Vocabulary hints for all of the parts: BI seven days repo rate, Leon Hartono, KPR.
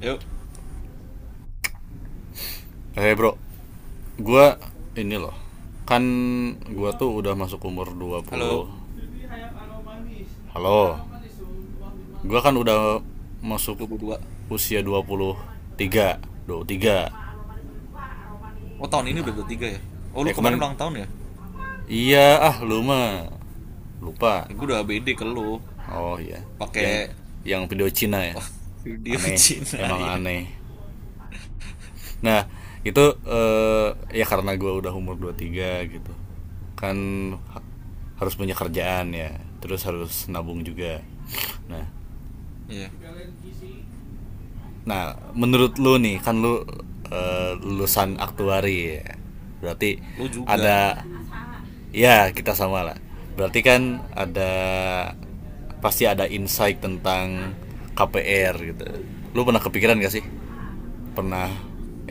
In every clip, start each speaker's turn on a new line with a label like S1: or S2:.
S1: Yuk,
S2: Eh, hey bro, gua ini loh. Kan gua tuh udah masuk umur 20.
S1: halo,
S2: Halo. Gua kan udah masuk
S1: 22.
S2: usia 23, 23.
S1: Oh, tahun ini
S2: Nah,
S1: udah 23, ya? Oh, lu kemarin
S2: kemarin,
S1: ulang tahun, ya?
S2: iya, ah lu mah lupa.
S1: Ya, gue udah ABD ke lu,
S2: Oh iya, yang
S1: pakai
S2: yang video Cina ya.
S1: wah video
S2: Aneh,
S1: Cina,
S2: emang
S1: ya.
S2: aneh. Nah, itu, ya karena gua udah umur 23 gitu. Kan ha- harus punya kerjaan ya, terus harus nabung juga. Nah,
S1: Iya,
S2: Nah, menurut lu nih, kan lu, lulusan aktuari ya. Berarti
S1: lu juga.
S2: ada, ya kita sama lah. Berarti kan ada, pasti ada insight tentang KPR gitu. Lu pernah kepikiran gak sih? Pernah,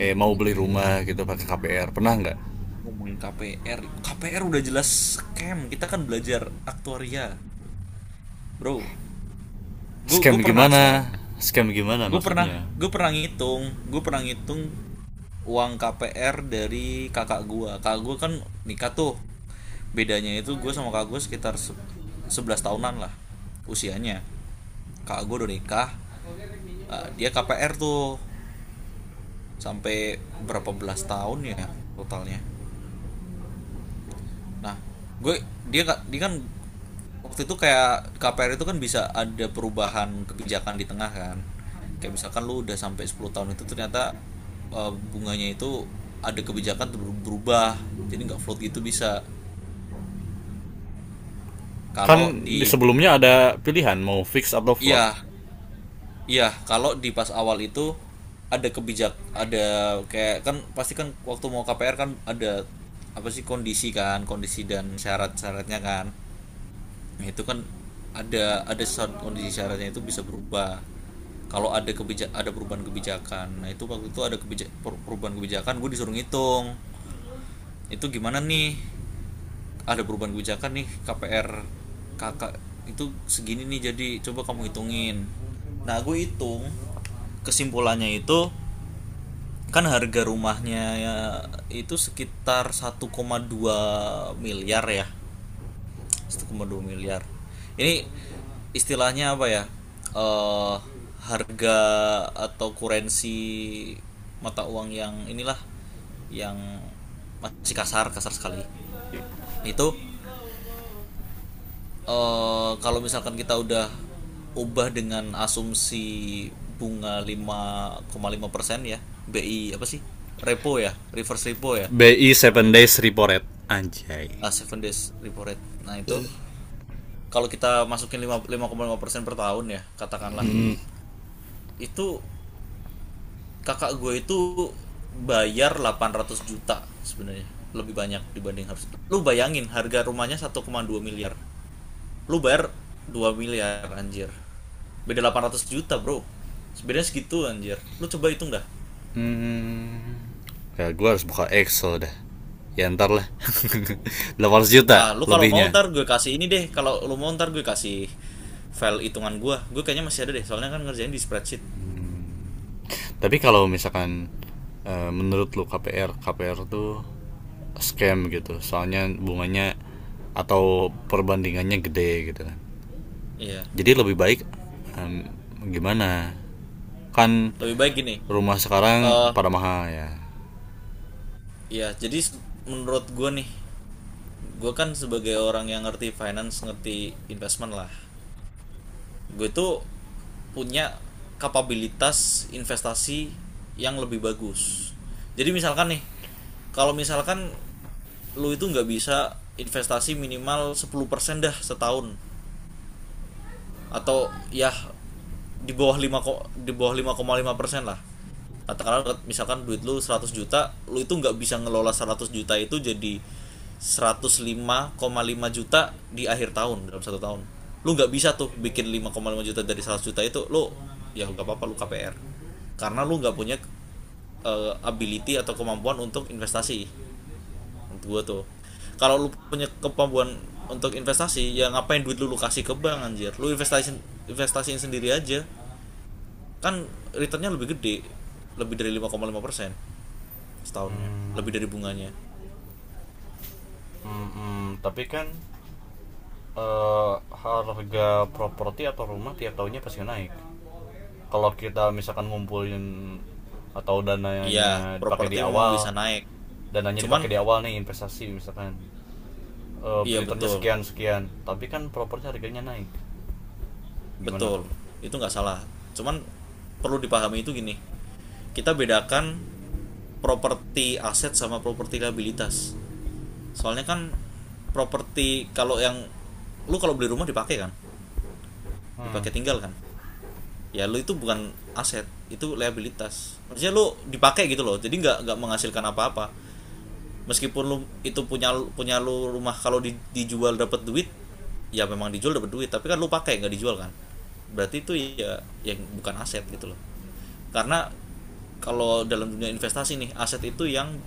S1: Wah,
S2: mau beli
S1: KPR.
S2: rumah gitu pakai KPR? Pernah nggak?
S1: Gua ngomongin KPR. KPR udah jelas scam. Kita kan belajar aktuaria, bro. Gue
S2: Scam
S1: pernah
S2: gimana?
S1: soalnya.
S2: Scam gimana
S1: Gue pernah
S2: maksudnya?
S1: gue pernah ngitung, gue pernah ngitung uang KPR dari Kakak gua kan nikah tuh, bedanya itu gua sama kakak gua sekitar 11 tahunan lah usianya. Kakak gua udah nikah, dia KPR tuh sampai berapa belas tahun ya totalnya. Nah, gue, dia nggak, dia kan waktu itu kayak KPR itu kan bisa ada perubahan kebijakan di tengah, kan. Kayak misalkan lu udah sampai 10 tahun itu ternyata, bunganya itu ada kebijakan berubah. Jadi nggak float gitu bisa.
S2: Kan
S1: Kalau
S2: di
S1: di,
S2: sebelumnya ada pilihan mau fix atau float.
S1: iya, iya, kalau di pas awal itu ada kebijak, ada, kayak kan pasti kan waktu mau KPR kan ada apa sih kondisi, kan, kondisi dan syarat-syaratnya, kan. Nah, itu kan ada kondisi syaratnya itu bisa berubah. Kalau ada kebijak, ada perubahan kebijakan. Nah, itu waktu itu ada kebijak, perubahan kebijakan, gue disuruh ngitung. Itu gimana nih? Ada perubahan kebijakan nih, KPR kakak itu segini nih, jadi coba kamu hitungin. Nah, gue hitung kesimpulannya itu, kan harga rumahnya ya, itu sekitar 1,2 miliar ya, 1,2 miliar. Ini istilahnya apa ya? eh harga atau kurensi, mata uang yang inilah, yang masih kasar, kasar sekali. Itu, kalau misalkan kita udah ubah dengan asumsi bunga lima, 5,5%, ya. BI apa sih? Repo ya, reverse repo ya
S2: BI seven
S1: namanya.
S2: days repo rate. Anjay.
S1: Ah, seven days repo rate. Nah, itu kalau kita masukin lima, lima koma lima persen per tahun ya, katakanlah. Itu kakak gue itu bayar 800 juta sebenarnya, lebih banyak dibanding, harus lu bayangin harga rumahnya 1,2 miliar, lu bayar 2 miliar anjir, beda 800 juta bro sebenarnya segitu anjir, lu coba hitung dah.
S2: Hmm, ya gue harus buka Excel dah, ya ntar lah 800 juta
S1: Ah, lu kalau mau
S2: lebihnya.
S1: ntar gue kasih ini deh, kalau lu mau ntar gue kasih file hitungan Gue kayaknya masih ada deh soalnya kan ngerjain di spreadsheet.
S2: Tapi kalau misalkan, menurut lu KPR KPR tuh scam gitu, soalnya bunganya atau perbandingannya gede gitu kan,
S1: Iya, yeah.
S2: jadi lebih baik, em, gimana, kan
S1: Lebih baik gini.
S2: rumah sekarang
S1: eh ya
S2: pada mahal ya.
S1: yeah, jadi menurut gue nih, gue kan sebagai orang yang ngerti finance ngerti investment lah, gue tuh punya kapabilitas investasi yang lebih bagus. Jadi misalkan nih, kalau misalkan lu itu nggak bisa investasi minimal 10% dah setahun, atau ya di bawah 5 ko-, di bawah 5,5% lah katakanlah, misalkan duit lu 100 juta, lu itu nggak bisa ngelola 100 juta itu jadi 105,5 juta di akhir tahun dalam satu tahun. Lu nggak bisa tuh bikin 5,5 juta dari 100 juta itu, lu ya nggak apa-apa lu KPR, karena lu nggak punya ability atau kemampuan untuk investasi. Menurut gua tuh, kalau lu punya kemampuan untuk investasi ya ngapain duit lu, lu kasih ke bank anjir, lu investasi, investasiin sendiri aja, kan returnnya lebih gede, lebih dari 5,5% setahunnya,
S2: Hmm,
S1: lebih dari bunganya.
S2: hmm. Tapi kan, harga properti atau rumah tiap tahunnya pasti naik. Kalau kita misalkan ngumpulin atau
S1: Iya,
S2: dananya dipakai di
S1: properti memang bisa
S2: awal,
S1: naik,
S2: dananya
S1: cuman,
S2: dipakai di awal nih, investasi misalkan,
S1: iya
S2: returnnya
S1: betul,
S2: sekian sekian, tapi kan propornya harganya naik, gimana tuh?
S1: betul, itu nggak salah, cuman perlu dipahami itu gini, kita bedakan properti aset sama properti liabilitas. Soalnya kan properti kalau yang lu, kalau beli rumah dipakai kan,
S2: Hmm.
S1: dipakai tinggal kan, ya lu itu bukan aset, itu liabilitas. Maksudnya lu dipakai gitu loh, jadi nggak menghasilkan apa-apa. Meskipun lu itu punya punya lu rumah, kalau di-, dijual dapat duit, ya memang dijual dapat duit, tapi kan lu pakai nggak dijual kan, berarti itu ya, yang bukan aset gitu loh. Karena kalau dalam dunia investasi nih, aset itu yang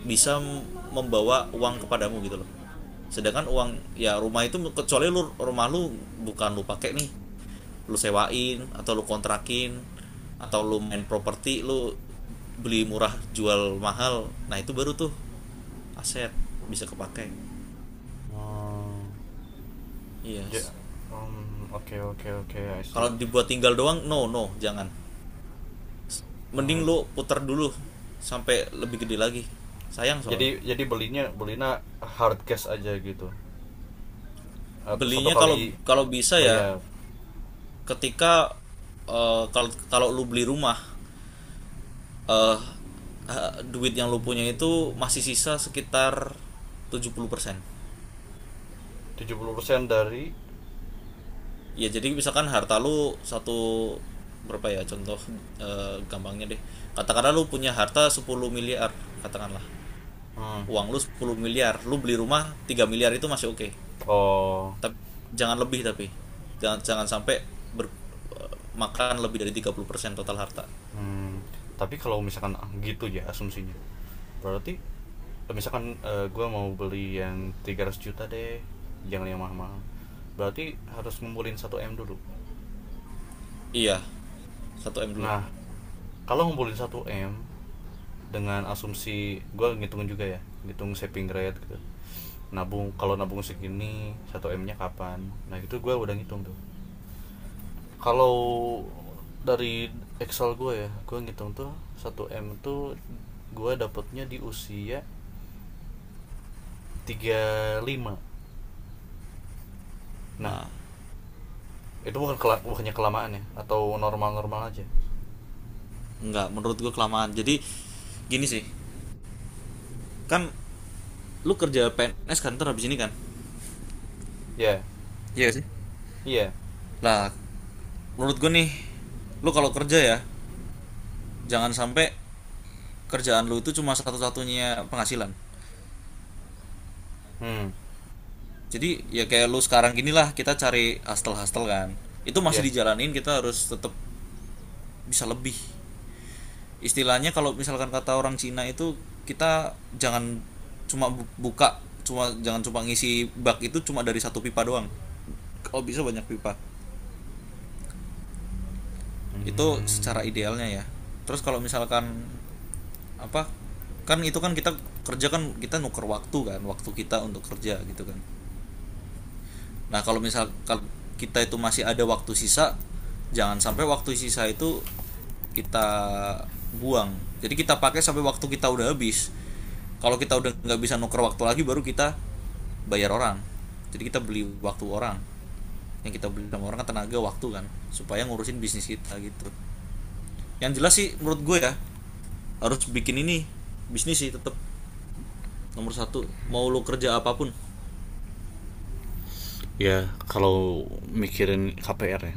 S1: bisa membawa uang kepadamu gitu loh. Sedangkan uang, ya rumah itu kecuali lu, rumah lu bukan lu pakai nih, lu sewain atau lu kontrakin, atau lu main properti, lu beli murah jual mahal, nah itu baru tuh aset bisa kepake.
S2: Hmm.
S1: Yes.
S2: Ja- oke oke oke, I see.
S1: Kalau dibuat tinggal doang, no, no, jangan. Mending
S2: Hmm,
S1: lu puter dulu sampai lebih gede lagi, sayang soalnya.
S2: jadi, belinya belinya hard cash aja gitu, atau satu
S1: Belinya, kalau
S2: kali
S1: kalau bisa ya,
S2: bayar?
S1: ketika kalau kalau lu beli rumah, eh duit yang lu punya itu masih sisa sekitar 70%.
S2: 70% dari?
S1: Ya jadi misalkan harta lu satu, berapa ya contoh, gampangnya deh, katakanlah lu punya harta 10 miliar, katakanlah.
S2: Hmm.
S1: Uang lu 10 miliar, lu beli rumah 3 miliar, itu masih oke. Okay.
S2: Oh.
S1: Tapi jangan lebih tapi. Jangan, jangan sampai ber-, eh, makan lebih dari 30% total harta.
S2: Hmm. Tapi kalau misalkan gitu ya asumsinya, berarti misalkan, gue mau beli yang 300 juta deh, jangan yang mahal-mahal. Berarti harus ngumpulin satu m dulu.
S1: Iya, satu m dulu.
S2: Nah, kalau ngumpulin satu m dengan asumsi gue ngitungin juga ya, ngitung saving rate gitu, nabung, kalau nabung segini satu m nya kapan, nah itu gue udah ngitung tuh. Kalau dari Excel gue ya, gue ngitung tuh satu m tuh gue dapetnya di usia 35. Nah,
S1: Nah,
S2: itu bukan kela bukannya kelamaan ya atau normal-normal aja?
S1: enggak, menurut gue kelamaan. Jadi gini sih, kan lu kerja PNS kan ntar habis ini kan?
S2: Ya,
S1: Iya sih.
S2: iya.
S1: Lah, menurut gue nih, lu kalau kerja ya, jangan sampai kerjaan lu itu cuma satu-satunya penghasilan.
S2: Hmm,
S1: Jadi ya kayak lu sekarang gini lah, kita cari hustle-hustle kan. Itu masih
S2: ya.
S1: dijalanin, kita harus tetap bisa lebih. Istilahnya kalau misalkan kata orang Cina itu, kita jangan cuma buka, cuma jangan cuma ngisi bak itu cuma dari satu pipa doang, oh bisa banyak pipa. Itu
S2: Hmm.
S1: secara idealnya, ya. Terus kalau misalkan apa, kan itu kan kita kerja kan, kita nuker waktu kan, waktu kita untuk kerja gitu kan. Nah kalau misalkan kita itu masih ada waktu sisa, jangan sampai waktu sisa itu kita buang. Jadi kita pakai sampai waktu kita udah habis. Kalau kita udah nggak bisa nuker waktu lagi baru kita bayar orang. Jadi kita beli waktu orang, yang kita beli sama orang kan tenaga waktu kan, supaya ngurusin bisnis kita gitu. Yang jelas sih menurut gue ya, harus bikin ini, bisnis sih tetap nomor satu, mau lo kerja apapun.
S2: Ya, kalau mikirin KPR ya,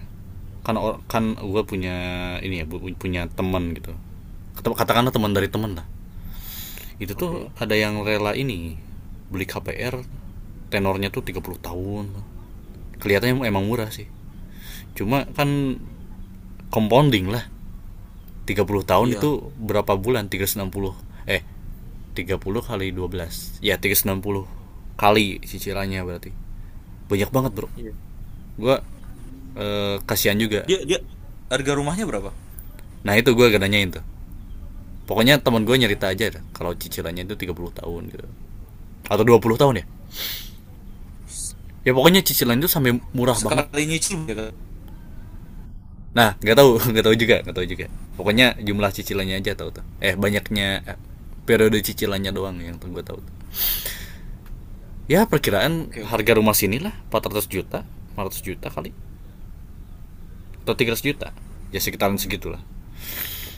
S2: kan kan gue punya ini ya, punya teman gitu. Katakanlah teman dari teman lah. Itu
S1: Oke.
S2: tuh
S1: Okay.
S2: ada yang rela ini beli KPR tenornya tuh 30 tahun. Kelihatannya emang murah sih. Cuma kan compounding lah. 30 tahun
S1: Iya.
S2: itu berapa bulan? 360. eh 30 kali 12 ya 360, kali cicilannya berarti banyak banget bro.
S1: Iya.
S2: Gue, kasihan juga.
S1: dia dia harga rumahnya berapa?
S2: Nah, itu gue gak nanyain tuh, pokoknya teman gue nyerita aja dah, kalau cicilannya itu 30 tahun gitu atau 20 tahun ya, ya pokoknya cicilan itu sampai murah banget.
S1: Sekali nyicil ya kan.
S2: Nah, nggak tahu nggak tahu juga, nggak tahu juga. Pokoknya jumlah cicilannya aja tahu tuh, banyaknya, periode cicilannya doang yang gue tahu. Ya,
S1: Oke,
S2: perkiraan
S1: okay, oke. Okay.
S2: harga rumah sini lah 400 juta, 400 juta kali, atau 300 juta, ya sekitaran
S1: Hmm.
S2: segitulah.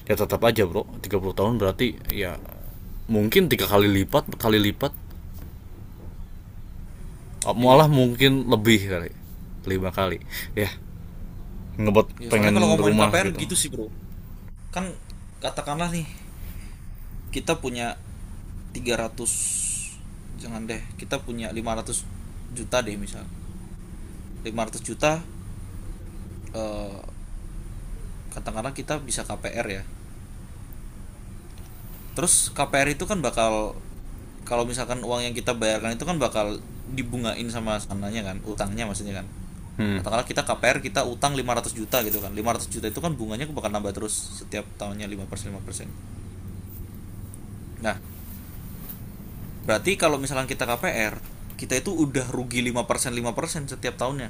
S2: Ya tetap aja bro 30 tahun berarti ya mungkin tiga kali lipat kali lipat, oh malah
S1: Iya.
S2: mungkin lebih kali, lima kali ya.
S1: Iya.
S2: Ngebuat
S1: Soalnya kalau
S2: pengen
S1: ngomongin
S2: rumah
S1: KPR
S2: gitu.
S1: gitu sih bro. Kan katakanlah nih kita punya tiga ratus, jangan deh, kita punya 500 juta deh misal, 500 juta, eh, katakanlah kita bisa KPR ya. Terus KPR itu kan bakal, kalau misalkan uang yang kita bayarkan itu kan bakal dibungain sama sananya, kan, utangnya maksudnya kan.
S2: Hmm.
S1: Katakanlah kita KPR, kita utang 500 juta gitu kan, 500 juta itu kan bunganya bakal nambah terus setiap tahunnya 5% 5%. Nah, berarti kalau misalkan kita KPR, kita itu udah rugi 5% 5% setiap tahunnya,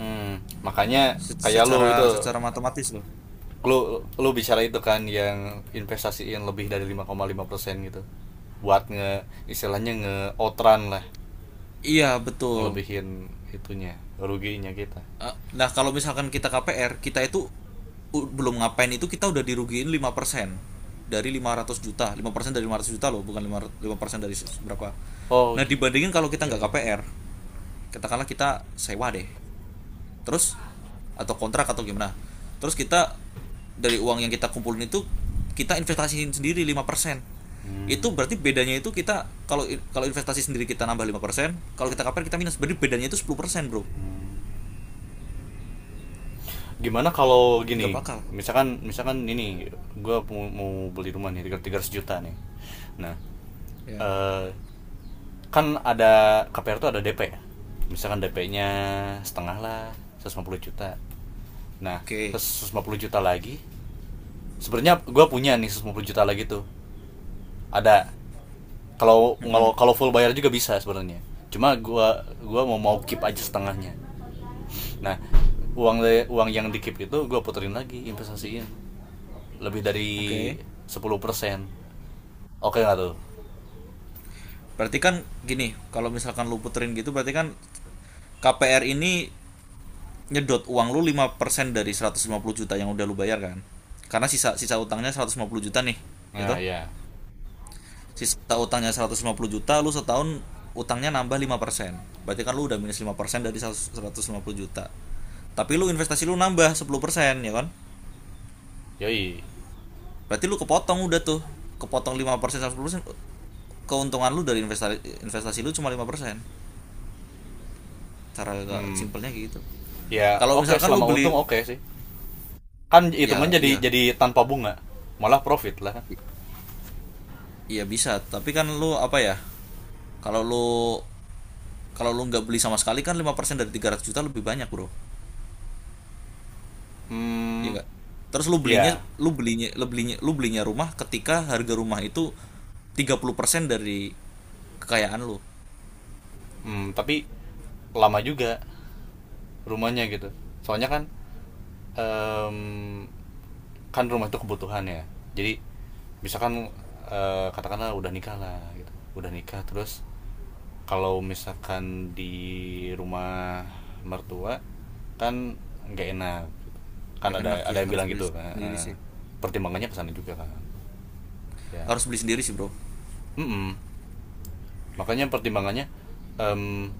S2: Hmm, makanya kayak lu itu,
S1: secara secara matematis loh.
S2: lu lu bicara itu kan yang investasiin lebih dari 5,5% gitu, buat nge, istilahnya nge outran lah,
S1: Iya betul.
S2: ngelebihin itunya ruginya kita.
S1: Nah kalau misalkan kita KPR, kita itu u-, belum ngapain itu kita udah dirugiin 5% dari 500 juta, 5% dari 500 juta loh, bukan lima ratus, 5% dari se-, berapa.
S2: Oh
S1: Nah dibandingin kalau kita
S2: iya
S1: nggak
S2: ya.
S1: KPR, katakanlah kita sewa deh. Terus atau kontrak atau gimana. Terus kita dari uang yang kita kumpulin itu kita investasiin sendiri 5%.
S2: Hmm.
S1: Itu berarti bedanya itu kita, kalau kalau investasi sendiri kita nambah 5%, kalau kita KPR kita minus. Berarti bedanya itu 10%, Bro.
S2: Gimana kalau
S1: Nggak
S2: gini,
S1: bakal.
S2: misalkan misalkan ini gue mau, beli rumah nih 300 juta nih. Nah,
S1: Ya.
S2: eh, kan ada KPR tuh ada DP ya. Misalkan DP-nya setengah lah, 150 juta. Nah,
S1: Oke.
S2: 150 juta lagi sebenarnya gue punya nih, 150 juta lagi tuh ada. kalau
S1: Mm-mm.
S2: kalau full bayar juga bisa sebenarnya, cuma gua mau mau keep aja setengahnya. Nah, uang, uang yang di keep itu gua puterin lagi, investasiin lebih dari
S1: Oke.
S2: 10%. Oke nggak tuh?
S1: Berarti kan gini, kalau misalkan lu puterin gitu berarti kan, KPR ini nyedot uang lu 5% dari 150 juta yang udah lu bayar kan. Karena sisa sisa utangnya 150 juta nih, ya
S2: Nah,
S1: toh?
S2: ya.
S1: Sisa utangnya 150 juta, lu setahun utangnya nambah 5%. Berarti kan lu udah minus 5% dari 150 juta. Tapi lu investasi lu nambah 10%, ya kan?
S2: Yoi.
S1: Berarti lu kepotong udah tuh. Kepotong 5% persen. Keuntungan lu dari investasi investasi lu cuma 5%. Cara agak
S2: hmm
S1: simpelnya gitu.
S2: Ya
S1: Kalau
S2: oke,
S1: misalkan lu
S2: selama
S1: beli,
S2: untung oke sih. Kan hitungan
S1: ya.
S2: jadi
S1: Iya.
S2: jadi tanpa bunga, malah profit lah kan.
S1: I- iya bisa, tapi kan lu apa ya? Kalau lu, kalau lu nggak beli sama sekali kan 5% dari 300 juta lebih banyak, Bro. Iya
S2: Hmm
S1: nggak? Terus lu belinya
S2: ya.
S1: lu belinya lu belinya lu belinya rumah ketika harga rumah itu 30% dari kekayaan lu.
S2: Tapi lama juga rumahnya gitu, soalnya kan, em, kan rumah itu kebutuhan ya, jadi misalkan, katakanlah udah nikah lah gitu, udah nikah. Terus kalau misalkan di rumah mertua kan nggak enak gitu. Kan
S1: Gak
S2: ada
S1: enak
S2: ada
S1: ya,
S2: yang
S1: harus
S2: bilang
S1: beli
S2: gitu kan,
S1: sendiri sih.
S2: pertimbangannya kesana juga kan ya.
S1: Harus beli sendiri sih, Bro.
S2: Mm-mm. Makanya pertimbangannya, em,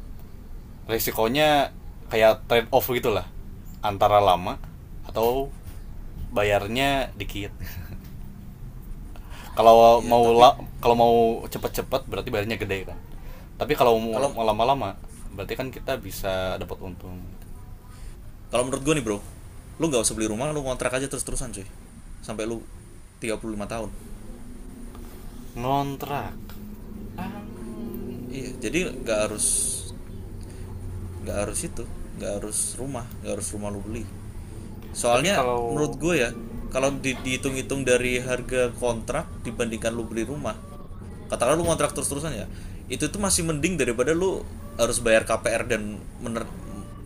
S2: resikonya kayak trade off gitulah antara lama atau bayarnya dikit. Kalau
S1: Iya,
S2: mau
S1: tapi
S2: la- kalau mau cepet-cepet berarti bayarnya gede kan. Tapi kalau
S1: kalau
S2: mau lama-lama berarti kan kita bisa dapat untung.
S1: kalau menurut gua nih, Bro, lu nggak usah beli rumah, lu kontrak aja terus-terusan, cuy. Sampai lu 35 tahun.
S2: Ngontrak. Ah.
S1: Iya, jadi nggak harus, nggak harus itu, nggak harus rumah, lu beli.
S2: Tapi
S1: Soalnya menurut
S2: kalau.
S1: gue ya, kalau di-, dihitung-hitung dari harga kontrak dibandingkan lu beli rumah, katakanlah lu kontrak terus-terusan ya, itu tuh masih mending daripada lu harus bayar KPR dan mener-,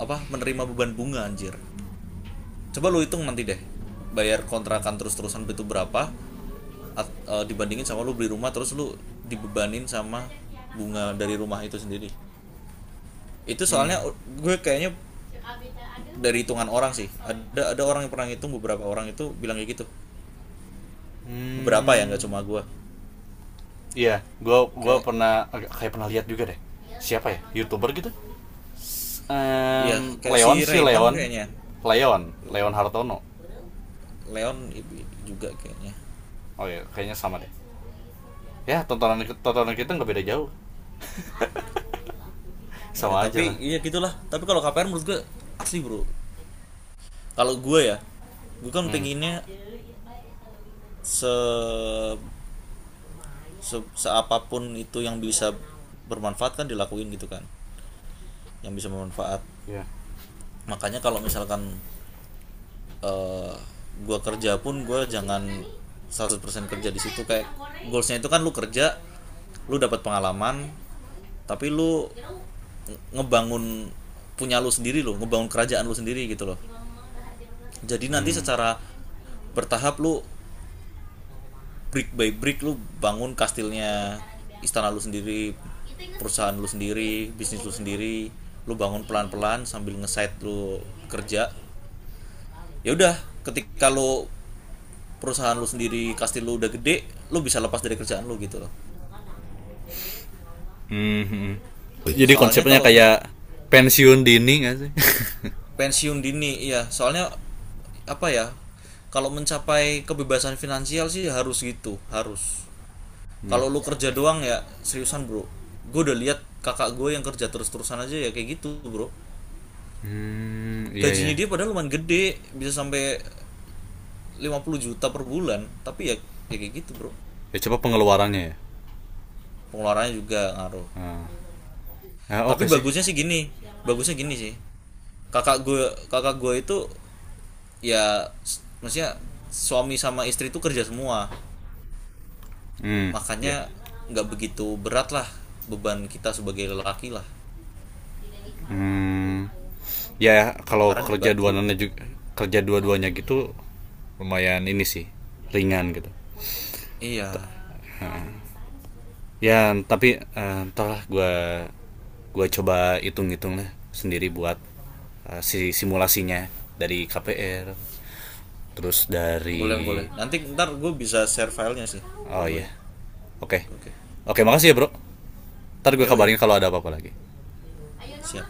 S1: apa, menerima beban bunga anjir. Coba lu hitung nanti deh, bayar kontrakan terus-terusan itu berapa at-, dibandingin sama lu beli rumah terus lu dibebanin sama bunga dari rumah itu sendiri. Itu
S2: hmm,
S1: soalnya gue kayaknya dari hitungan orang sih, ada orang yang pernah ngitung, beberapa orang itu bilang kayak gitu, beberapa ya nggak cuma gua.
S2: hmm iya, gua
S1: Kayak,
S2: pernah, kayak pernah lihat juga deh. Siapa ya? YouTuber gitu.
S1: ya kayak si
S2: Leon, si
S1: Raymond
S2: Leon.
S1: kayaknya,
S2: Leon, Leon Hartono.
S1: Leon juga kayaknya.
S2: Oh iya, kayaknya sama deh. Ya, tontonan tontonan kita nggak beda jauh.
S1: Ya
S2: Sama aja lah.
S1: tapi ya gitulah, tapi kalau KPR menurut gua asli bro. Kalau gua ya, gua kan
S2: Hmm,
S1: pengennya se, se seapapun itu yang bisa bermanfaat kan dilakuin gitu kan, yang bisa bermanfaat.
S2: iya.
S1: Makanya kalau misalkan, eh gua kerja pun gue jangan 100% kerja di situ. Kayak goalsnya itu kan lu kerja lu dapat pengalaman, tapi lu ngebangun punya lu sendiri, lu ngebangun kerajaan lu sendiri gitu loh. Jadi nanti
S2: Hmm.
S1: secara bertahap lu, brick by brick lu bangun kastilnya, istana lu sendiri, perusahaan lu sendiri, bisnis lu sendiri. Lu bangun pelan-pelan sambil nge-side lu kerja. Ya udah, ketika lu, perusahaan lu sendiri kasih lu udah gede, lu bisa lepas dari kerjaan lu gitu loh.
S2: Hmm, hmm. Jadi
S1: Soalnya
S2: konsepnya
S1: kalau
S2: kayak pensiun dini nggak sih?
S1: pensiun dini iya soalnya, apa ya, kalau mencapai kebebasan finansial sih harus gitu, harus.
S2: Hmm.
S1: Kalau lu kerja doang ya seriusan bro, gue udah lihat kakak gue yang kerja terus-terusan aja ya kayak gitu bro.
S2: Hmm, iya ya.
S1: Gajinya dia padahal lumayan gede bisa sampai 50 juta per bulan, tapi ya, ya kayak gitu bro.
S2: Ya, coba pengeluarannya ya.
S1: Pengeluarannya juga ngaruh.
S2: Ah. Nah, oke okay
S1: Tapi
S2: sih.
S1: bagusnya sih gini, bagusnya gini sih kakak gue itu ya, maksudnya suami sama istri itu kerja semua.
S2: Hmm,
S1: Makanya
S2: iya.
S1: nggak begitu berat lah beban kita sebagai lelaki lah,
S2: Yeah. Hmm. Ya yeah, kalau
S1: karena
S2: kerja dua
S1: dibantu.
S2: duanannya juga, kerja dua-duanya gitu lumayan ini sih, ringan gitu.
S1: Iya,
S2: Ya, tapi, entahlah gua coba hitung-hitung lah sendiri buat, si simulasinya dari KPR, terus
S1: boleh
S2: dari.
S1: boleh nanti ntar gue bisa share filenya sih ke
S2: Oh
S1: lo
S2: iya.
S1: ya.
S2: Oke.
S1: Oke.
S2: Oke, makasih ya, Bro. Ntar gue
S1: Yoi.
S2: kabarin kalau ada apa-apa lagi.
S1: Siap.